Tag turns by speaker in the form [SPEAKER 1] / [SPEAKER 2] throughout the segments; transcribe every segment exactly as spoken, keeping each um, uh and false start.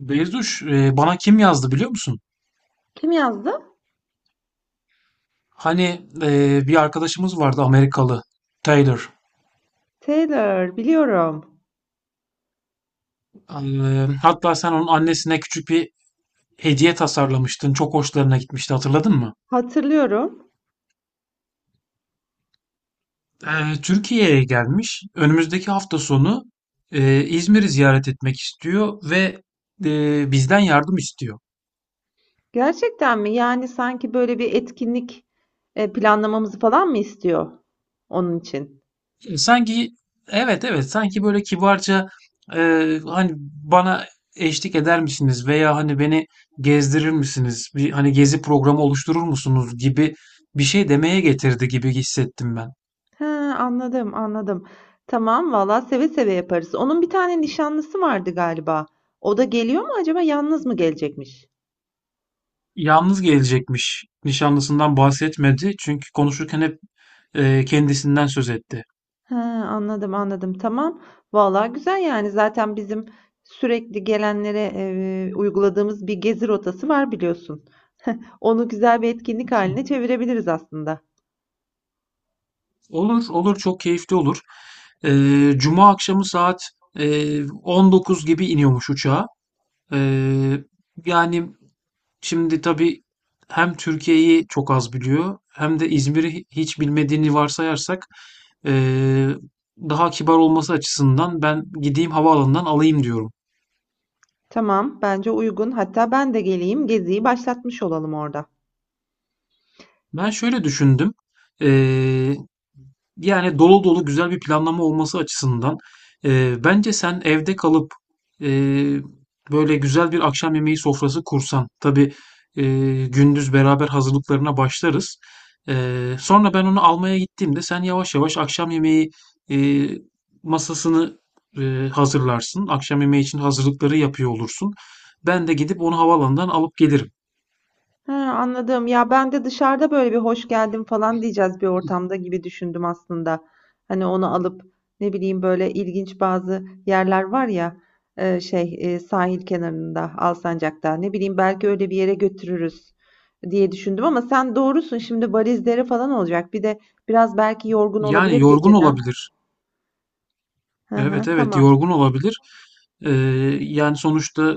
[SPEAKER 1] Beyzuş, e, bana kim yazdı biliyor musun?
[SPEAKER 2] Kim yazdı?
[SPEAKER 1] Hani e, bir arkadaşımız vardı Amerikalı, Taylor.
[SPEAKER 2] Taylor, biliyorum.
[SPEAKER 1] E, hatta sen onun annesine küçük bir hediye tasarlamıştın. Çok hoşlarına gitmişti, hatırladın mı?
[SPEAKER 2] Hatırlıyorum.
[SPEAKER 1] E, Türkiye'ye gelmiş. Önümüzdeki hafta sonu e, İzmir'i ziyaret etmek istiyor ve e, bizden yardım istiyor.
[SPEAKER 2] Gerçekten mi? Yani sanki böyle bir etkinlik e, planlamamızı falan mı istiyor onun için?
[SPEAKER 1] E, Sanki, evet, evet, sanki böyle kibarca, e, hani, bana eşlik eder misiniz veya hani beni gezdirir misiniz? Bir hani gezi programı oluşturur musunuz gibi bir şey demeye getirdi gibi hissettim ben.
[SPEAKER 2] He, anladım, anladım. Tamam, valla seve seve yaparız. Onun bir tane nişanlısı vardı galiba. O da geliyor mu acaba? Yalnız mı gelecekmiş?
[SPEAKER 1] Yalnız gelecekmiş. Nişanlısından bahsetmedi. Çünkü konuşurken hep e, kendisinden söz etti.
[SPEAKER 2] He, anladım, anladım. Tamam. Vallahi güzel yani. Zaten bizim sürekli gelenlere e, uyguladığımız bir gezi rotası var biliyorsun. Onu güzel bir etkinlik haline çevirebiliriz aslında.
[SPEAKER 1] Olur, olur, çok keyifli olur. E, Cuma akşamı saat e, on dokuz gibi iniyormuş uçağa. E, Yani, şimdi tabii hem Türkiye'yi çok az biliyor hem de İzmir'i hi- hiç bilmediğini varsayarsak, eee, daha kibar olması açısından ben gideyim havaalanından alayım diyorum.
[SPEAKER 2] Tamam, bence uygun. Hatta ben de geleyim, geziyi başlatmış olalım orada.
[SPEAKER 1] Ben şöyle düşündüm. Eee Yani, dolu dolu güzel bir planlama olması açısından, eee, bence sen evde kalıp, eee, böyle güzel bir akşam yemeği sofrası kursan. Tabii eee, gündüz beraber hazırlıklarına başlarız. Eee, sonra ben onu almaya gittiğimde sen yavaş yavaş akşam yemeği eee, masasını, eee, hazırlarsın. Akşam yemeği için hazırlıkları yapıyor olursun. Ben de gidip onu havalandan alıp gelirim.
[SPEAKER 2] Ha, anladım. Ya ben de dışarıda böyle bir hoş geldin falan diyeceğiz bir ortamda gibi düşündüm aslında. Hani onu alıp ne bileyim böyle ilginç bazı yerler var ya e, şey e, sahil kenarında Alsancak'ta ne bileyim belki öyle bir yere götürürüz diye düşündüm ama sen doğrusun şimdi valizleri falan olacak. Bir de biraz belki yorgun
[SPEAKER 1] Yani
[SPEAKER 2] olabilir
[SPEAKER 1] yorgun
[SPEAKER 2] geceden.
[SPEAKER 1] olabilir.
[SPEAKER 2] Hı hı,
[SPEAKER 1] Evet, evet,
[SPEAKER 2] tamam.
[SPEAKER 1] yorgun olabilir. Ee, Yani sonuçta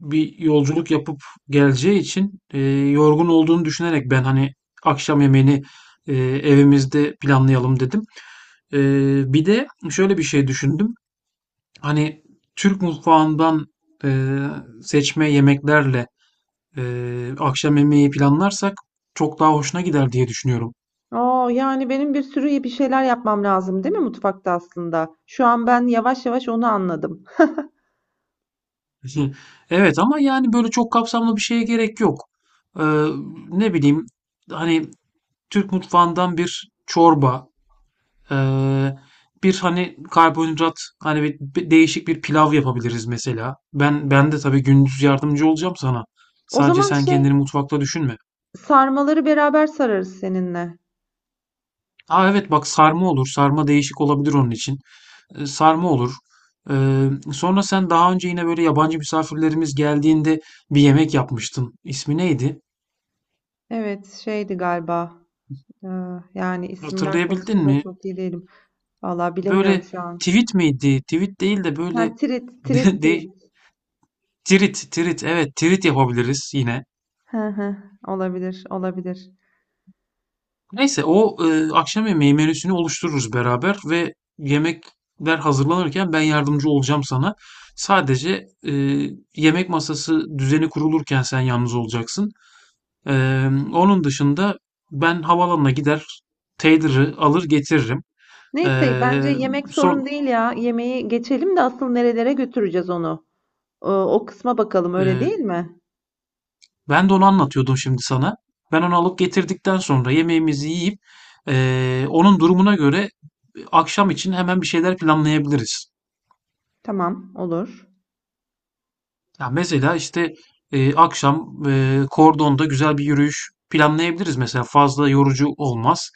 [SPEAKER 1] bir yolculuk yapıp geleceği için, e, yorgun olduğunu düşünerek ben hani akşam yemeğini, e, evimizde planlayalım dedim. Ee, bir de şöyle bir şey düşündüm. Hani Türk mutfağından e, seçme yemeklerle e, akşam yemeği planlarsak çok daha hoşuna gider diye düşünüyorum.
[SPEAKER 2] Oo, yani benim bir sürü bir şeyler yapmam lazım değil mi mutfakta aslında? Şu an ben yavaş yavaş onu anladım.
[SPEAKER 1] Hı. Evet ama yani böyle çok kapsamlı bir şeye gerek yok. Ee, Ne bileyim, hani Türk mutfağından bir çorba, eee, bir, hani, karbonhidrat, hani, bir bir değişik bir pilav yapabiliriz mesela. Ben ben de tabii gündüz yardımcı olacağım sana.
[SPEAKER 2] O
[SPEAKER 1] Sadece
[SPEAKER 2] zaman
[SPEAKER 1] sen
[SPEAKER 2] şey
[SPEAKER 1] kendini mutfakta düşünme.
[SPEAKER 2] sarmaları beraber sararız seninle.
[SPEAKER 1] A, evet, bak, sarma olur. Sarma değişik olabilir onun için. Eee, sarma olur. Eee, sonra sen daha önce yine, böyle, yabancı misafirlerimiz geldiğinde bir yemek yapmıştın. İsmi neydi?
[SPEAKER 2] Evet, şeydi galiba. Ee, Yani isimler
[SPEAKER 1] Hatırlayabildin
[SPEAKER 2] konusunda
[SPEAKER 1] mi?
[SPEAKER 2] çok iyi değilim. Vallahi bilemiyorum
[SPEAKER 1] Böyle,
[SPEAKER 2] şu an.
[SPEAKER 1] tivit miydi? Tivit değil de, böyle,
[SPEAKER 2] Ha, trit, trit,
[SPEAKER 1] de de
[SPEAKER 2] trit.
[SPEAKER 1] Tirit, tirit. Evet, tirit yapabiliriz yine.
[SPEAKER 2] Hı hı, olabilir, olabilir.
[SPEAKER 1] Neyse o e, akşam yemeği menüsünü oluştururuz beraber ve yemekler hazırlanırken ben yardımcı olacağım sana. Sadece e, yemek masası düzeni kurulurken sen yalnız olacaksın. E, Onun dışında ben havalanına gider, Taylor'ı alır getiririm. E,
[SPEAKER 2] Neyse, bence yemek sorun
[SPEAKER 1] son
[SPEAKER 2] değil ya. Yemeği geçelim de asıl nerelere götüreceğiz onu. Ee, o kısma bakalım, öyle
[SPEAKER 1] e,
[SPEAKER 2] değil mi?
[SPEAKER 1] Ben de onu anlatıyordum şimdi sana. Ben onu alıp getirdikten sonra yemeğimizi yiyip, e, onun durumuna göre akşam için hemen bir şeyler planlayabiliriz.
[SPEAKER 2] Tamam, olur.
[SPEAKER 1] Ya mesela işte, e, akşam, e, kordonda güzel bir yürüyüş planlayabiliriz mesela, fazla yorucu olmaz.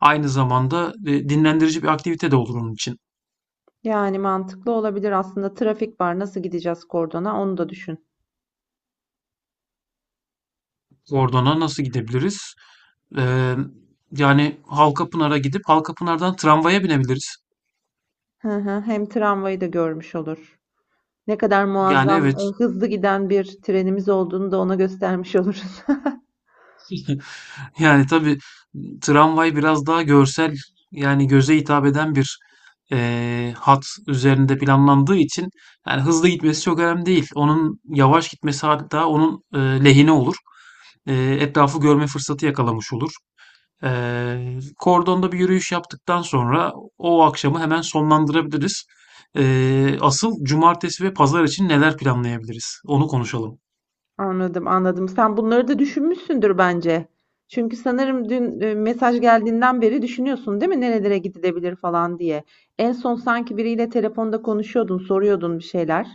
[SPEAKER 1] Aynı zamanda e, dinlendirici bir aktivite de olur onun için.
[SPEAKER 2] Yani mantıklı olabilir aslında. Trafik var, nasıl gideceğiz kordona? Onu da düşün.
[SPEAKER 1] Kordona nasıl gidebiliriz? E, Yani, Halkapınar'a gidip Halkapınar'dan tramvaya binebiliriz.
[SPEAKER 2] Hı hı, hem tramvayı da görmüş olur. Ne kadar
[SPEAKER 1] Yani
[SPEAKER 2] muazzam, e,
[SPEAKER 1] evet.
[SPEAKER 2] hızlı giden bir trenimiz olduğunu da ona göstermiş oluruz.
[SPEAKER 1] Yani, tabii, tramvay biraz daha görsel, yani, göze hitap eden bir, eee, hat üzerinde planlandığı için, yani, hızlı gitmesi çok önemli değil. Onun yavaş gitmesi hatta onun, eee, lehine olur. Eee, etrafı görme fırsatı yakalamış olur. Eee, kordonda bir yürüyüş yaptıktan sonra o akşamı hemen sonlandırabiliriz. Eee, asıl cumartesi ve pazar için neler planlayabiliriz? Onu konuşalım.
[SPEAKER 2] Anladım, anladım. Sen bunları da düşünmüşsündür bence. Çünkü sanırım dün e, mesaj geldiğinden beri düşünüyorsun, değil mi? Nerelere gidilebilir falan diye. En son sanki biriyle telefonda konuşuyordun, soruyordun bir şeyler.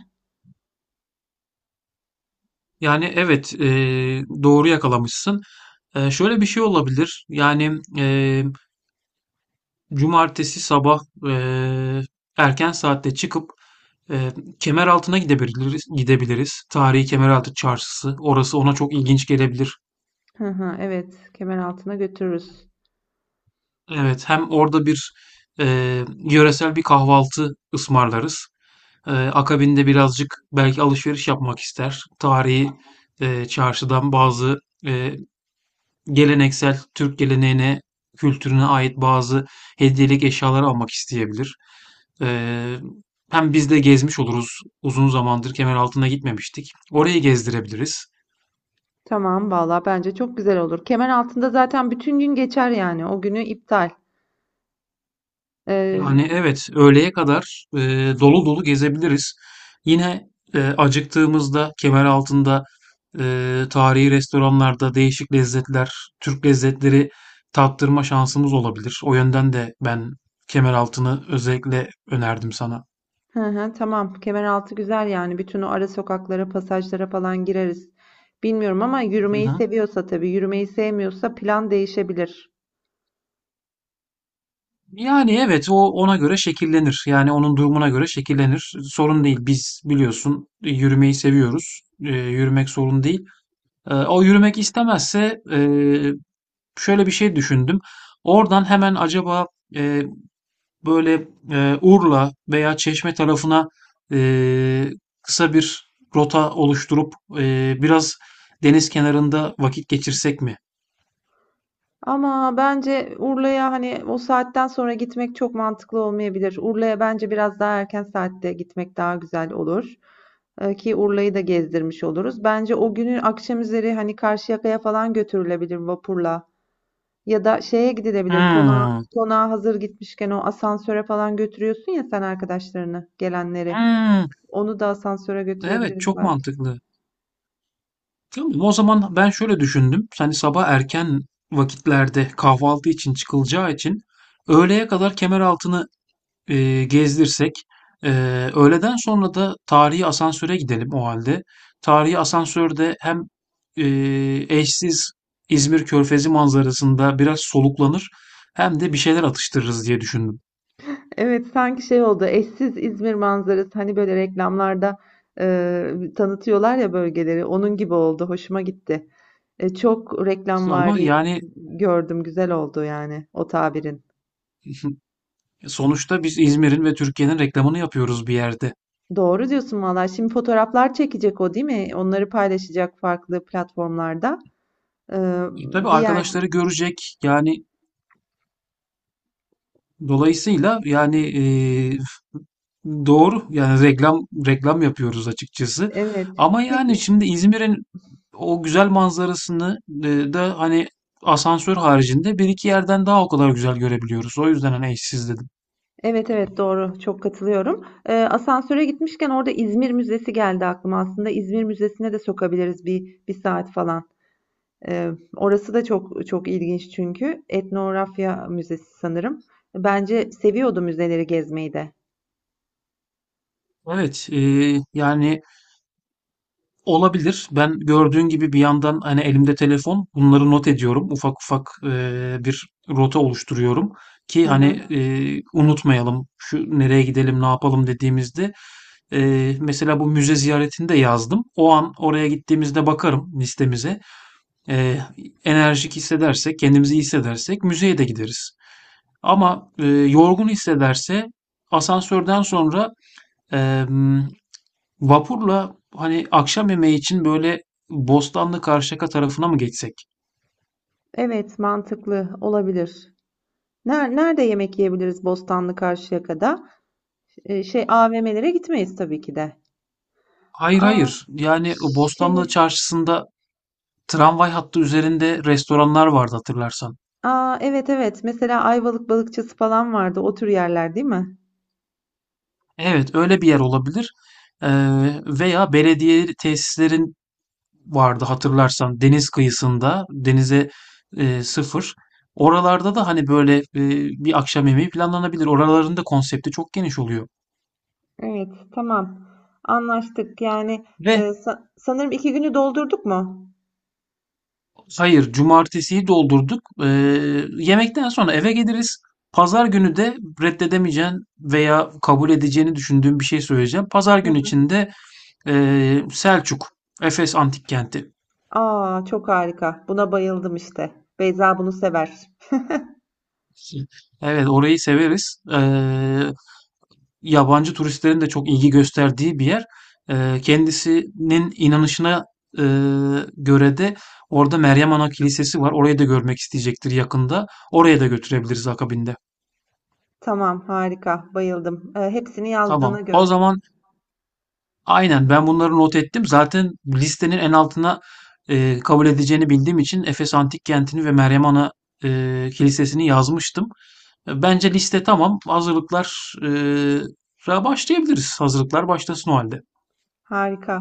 [SPEAKER 1] Yani evet, eee, doğru yakalamışsın. Eee, şöyle bir şey olabilir. Yani eee, cumartesi sabah, eee, erken saatte çıkıp, eee kemer altına gidebiliriz, gidebiliriz. Tarihi Kemeraltı Çarşısı. Orası ona çok ilginç gelebilir.
[SPEAKER 2] Hı hı, evet, kemer altına götürürüz.
[SPEAKER 1] Evet, hem orada bir eee, yöresel bir kahvaltı ısmarlarız. Eee, akabinde birazcık belki alışveriş yapmak ister. Tarihi eee, çarşıdan bazı, eee, geleneksel Türk geleneğine, kültürüne ait bazı hediyelik eşyalar almak isteyebilir. Eee, Hem biz de gezmiş oluruz. Uzun zamandır Kemeraltı'na gitmemiştik. Orayı gezdirebiliriz.
[SPEAKER 2] Tamam, valla bence çok güzel olur. Kemer altında zaten bütün gün geçer yani. O günü iptal. Ee,
[SPEAKER 1] Yani evet, öğleye kadar eee, dolu dolu gezebiliriz. Yine eee, acıktığımızda Kemeraltı'nda eee tarihi restoranlarda değişik lezzetler, Türk lezzetleri tattırma şansımız olabilir. O yönden de ben Kemeraltı'nı özellikle önerdim sana.
[SPEAKER 2] Hı hı, tamam. Kemeraltı güzel yani. Bütün o ara sokaklara, pasajlara falan gireriz. Bilmiyorum ama
[SPEAKER 1] Hı
[SPEAKER 2] yürümeyi
[SPEAKER 1] hı.
[SPEAKER 2] seviyorsa tabii. Yürümeyi sevmiyorsa plan değişebilir.
[SPEAKER 1] Yani evet, o ona göre şekillenir. Yani onun durumuna göre şekillenir. Sorun değil. Biz biliyorsun e, yürümeyi seviyoruz. E, yürümek sorun değil. E, o yürümek istemezse, e, şöyle bir şey düşündüm. Oradan hemen acaba, e, böyle, e, Urla veya Çeşme tarafına, e, kısa bir rota oluşturup, e, biraz deniz kenarında vakit geçirsek mi?
[SPEAKER 2] Ama bence Urla'ya hani o saatten sonra gitmek çok mantıklı olmayabilir. Urla'ya bence biraz daha erken saatte gitmek daha güzel olur. Ee, Ki Urla'yı da gezdirmiş oluruz. Bence o günün akşam üzeri hani Karşıyaka'ya falan götürülebilir vapurla. Ya da şeye gidilebilir. Konağa,
[SPEAKER 1] Hımm.
[SPEAKER 2] konağa hazır gitmişken o asansöre falan götürüyorsun ya sen arkadaşlarını, gelenleri.
[SPEAKER 1] Hımm.
[SPEAKER 2] Onu da asansöre
[SPEAKER 1] Evet,
[SPEAKER 2] götürebiliriz
[SPEAKER 1] çok
[SPEAKER 2] belki.
[SPEAKER 1] mantıklı. Tamam, o zaman ben şöyle düşündüm. Hani sabah erken vakitlerde kahvaltı için çıkılacağı için öğleye kadar Kemeraltı'nı eee, gezdirsek. Eee, öğleden sonra da tarihi asansöre gidelim o halde. Tarihi asansörde hem eee, eşsiz İzmir Körfezi manzarasında biraz soluklanır hem de bir şeyler atıştırırız diye düşündüm.
[SPEAKER 2] Evet, sanki şey oldu. Eşsiz İzmir manzarası hani böyle reklamlarda e, tanıtıyorlar ya bölgeleri. Onun gibi oldu. Hoşuma gitti. E, çok
[SPEAKER 1] Ama
[SPEAKER 2] reklamvari
[SPEAKER 1] yani,
[SPEAKER 2] gördüm. Güzel oldu yani o tabirin.
[SPEAKER 1] sonuçta biz İzmir'in ve Türkiye'nin reklamını yapıyoruz bir yerde.
[SPEAKER 2] Doğru diyorsun valla. Şimdi fotoğraflar çekecek o değil mi? Onları paylaşacak farklı platformlarda. Ee,
[SPEAKER 1] E, tabii
[SPEAKER 2] bir yer
[SPEAKER 1] arkadaşları görecek yani. Dolayısıyla yani, eee, doğru, yani reklam reklam yapıyoruz açıkçası.
[SPEAKER 2] evet.
[SPEAKER 1] Ama yani
[SPEAKER 2] Peki.
[SPEAKER 1] şimdi İzmir'in o güzel manzarasını, e, da hani asansör haricinde bir iki yerden daha o kadar güzel görebiliyoruz. O yüzden hani eşsiz dedim.
[SPEAKER 2] Evet, evet doğru. Çok katılıyorum. Ee, asansöre gitmişken orada İzmir Müzesi geldi aklıma. Aslında İzmir Müzesi'ne de sokabiliriz bir, bir saat falan. Ee, Orası da çok çok ilginç çünkü. Etnografya Müzesi sanırım. Bence seviyordu müzeleri gezmeyi de.
[SPEAKER 1] Evet, e, yani, olabilir. Ben gördüğün gibi bir yandan hani elimde telefon bunları not ediyorum. Ufak ufak eee, bir rota oluşturuyorum ki
[SPEAKER 2] Hı
[SPEAKER 1] hani,
[SPEAKER 2] hı.
[SPEAKER 1] eee, unutmayalım şu nereye gidelim ne yapalım dediğimizde, eee, mesela bu müze ziyaretini de yazdım. O an oraya gittiğimizde bakarım listemize. Eee, Enerjik hissedersek, kendimizi iyi hissedersek müzeye de gideriz. Ama eee, yorgun hissederse, asansörden sonra eee vapurla hani akşam yemeği için böyle Bostanlı Karşıyaka tarafına mı geçsek?
[SPEAKER 2] Evet, mantıklı olabilir. Ner- Nerede yemek yiyebiliriz Bostanlı Karşıyaka'da? Ee, şey A V M'lere gitmeyiz tabii ki de.
[SPEAKER 1] Hayır,
[SPEAKER 2] Aa,
[SPEAKER 1] hayır. Yani ıı, Bostanlı
[SPEAKER 2] şey,
[SPEAKER 1] Çarşısı'nda tramvay hattı üzerinde restoranlar vardı hatırlarsan.
[SPEAKER 2] Aa, evet, evet. Mesela Ayvalık Balıkçısı falan vardı. O tür yerler değil mi?
[SPEAKER 1] Evet, öyle bir yer olabilir. Ee, Veya belediye tesislerin vardı hatırlarsan, deniz kıyısında denize e, sıfır. Oralarda da hani böyle, e, bir akşam yemeği planlanabilir. Oraların da konsepti çok geniş oluyor.
[SPEAKER 2] Evet, tamam. Anlaştık. Yani e,
[SPEAKER 1] Ve
[SPEAKER 2] sa- sanırım iki günü doldurduk mu?
[SPEAKER 1] Hayır, cumartesiyi doldurduk. Ee, yemekten sonra eve geliriz. Pazar günü de reddedemeyeceğin veya kabul edeceğini düşündüğüm bir şey söyleyeceğim. Pazar günü içinde eee Selçuk, Efes Antik Kenti.
[SPEAKER 2] Aa, çok harika. Buna bayıldım işte. Beyza bunu sever.
[SPEAKER 1] Evet, orayı severiz. Ee, yabancı turistlerin de çok ilgi gösterdiği bir yer. Ee, kendisinin inanışına e, göre de orada Meryem Ana Kilisesi var. Orayı da görmek isteyecektir yakında. Oraya da götürebiliriz akabinde.
[SPEAKER 2] Tamam, harika. Bayıldım. Ee, hepsini yazdığına
[SPEAKER 1] Tamam. O
[SPEAKER 2] göre.
[SPEAKER 1] zaman, aynen, ben bunları not ettim. Zaten listenin en altına, e, kabul edeceğini bildiğim için Efes Antik Kenti'ni ve Meryem Ana e, Kilisesi'ni yazmıştım. E, Bence liste tamam. Hazırlıklar, e, ra başlayabiliriz. Hazırlıklar başlasın o halde.
[SPEAKER 2] Harika.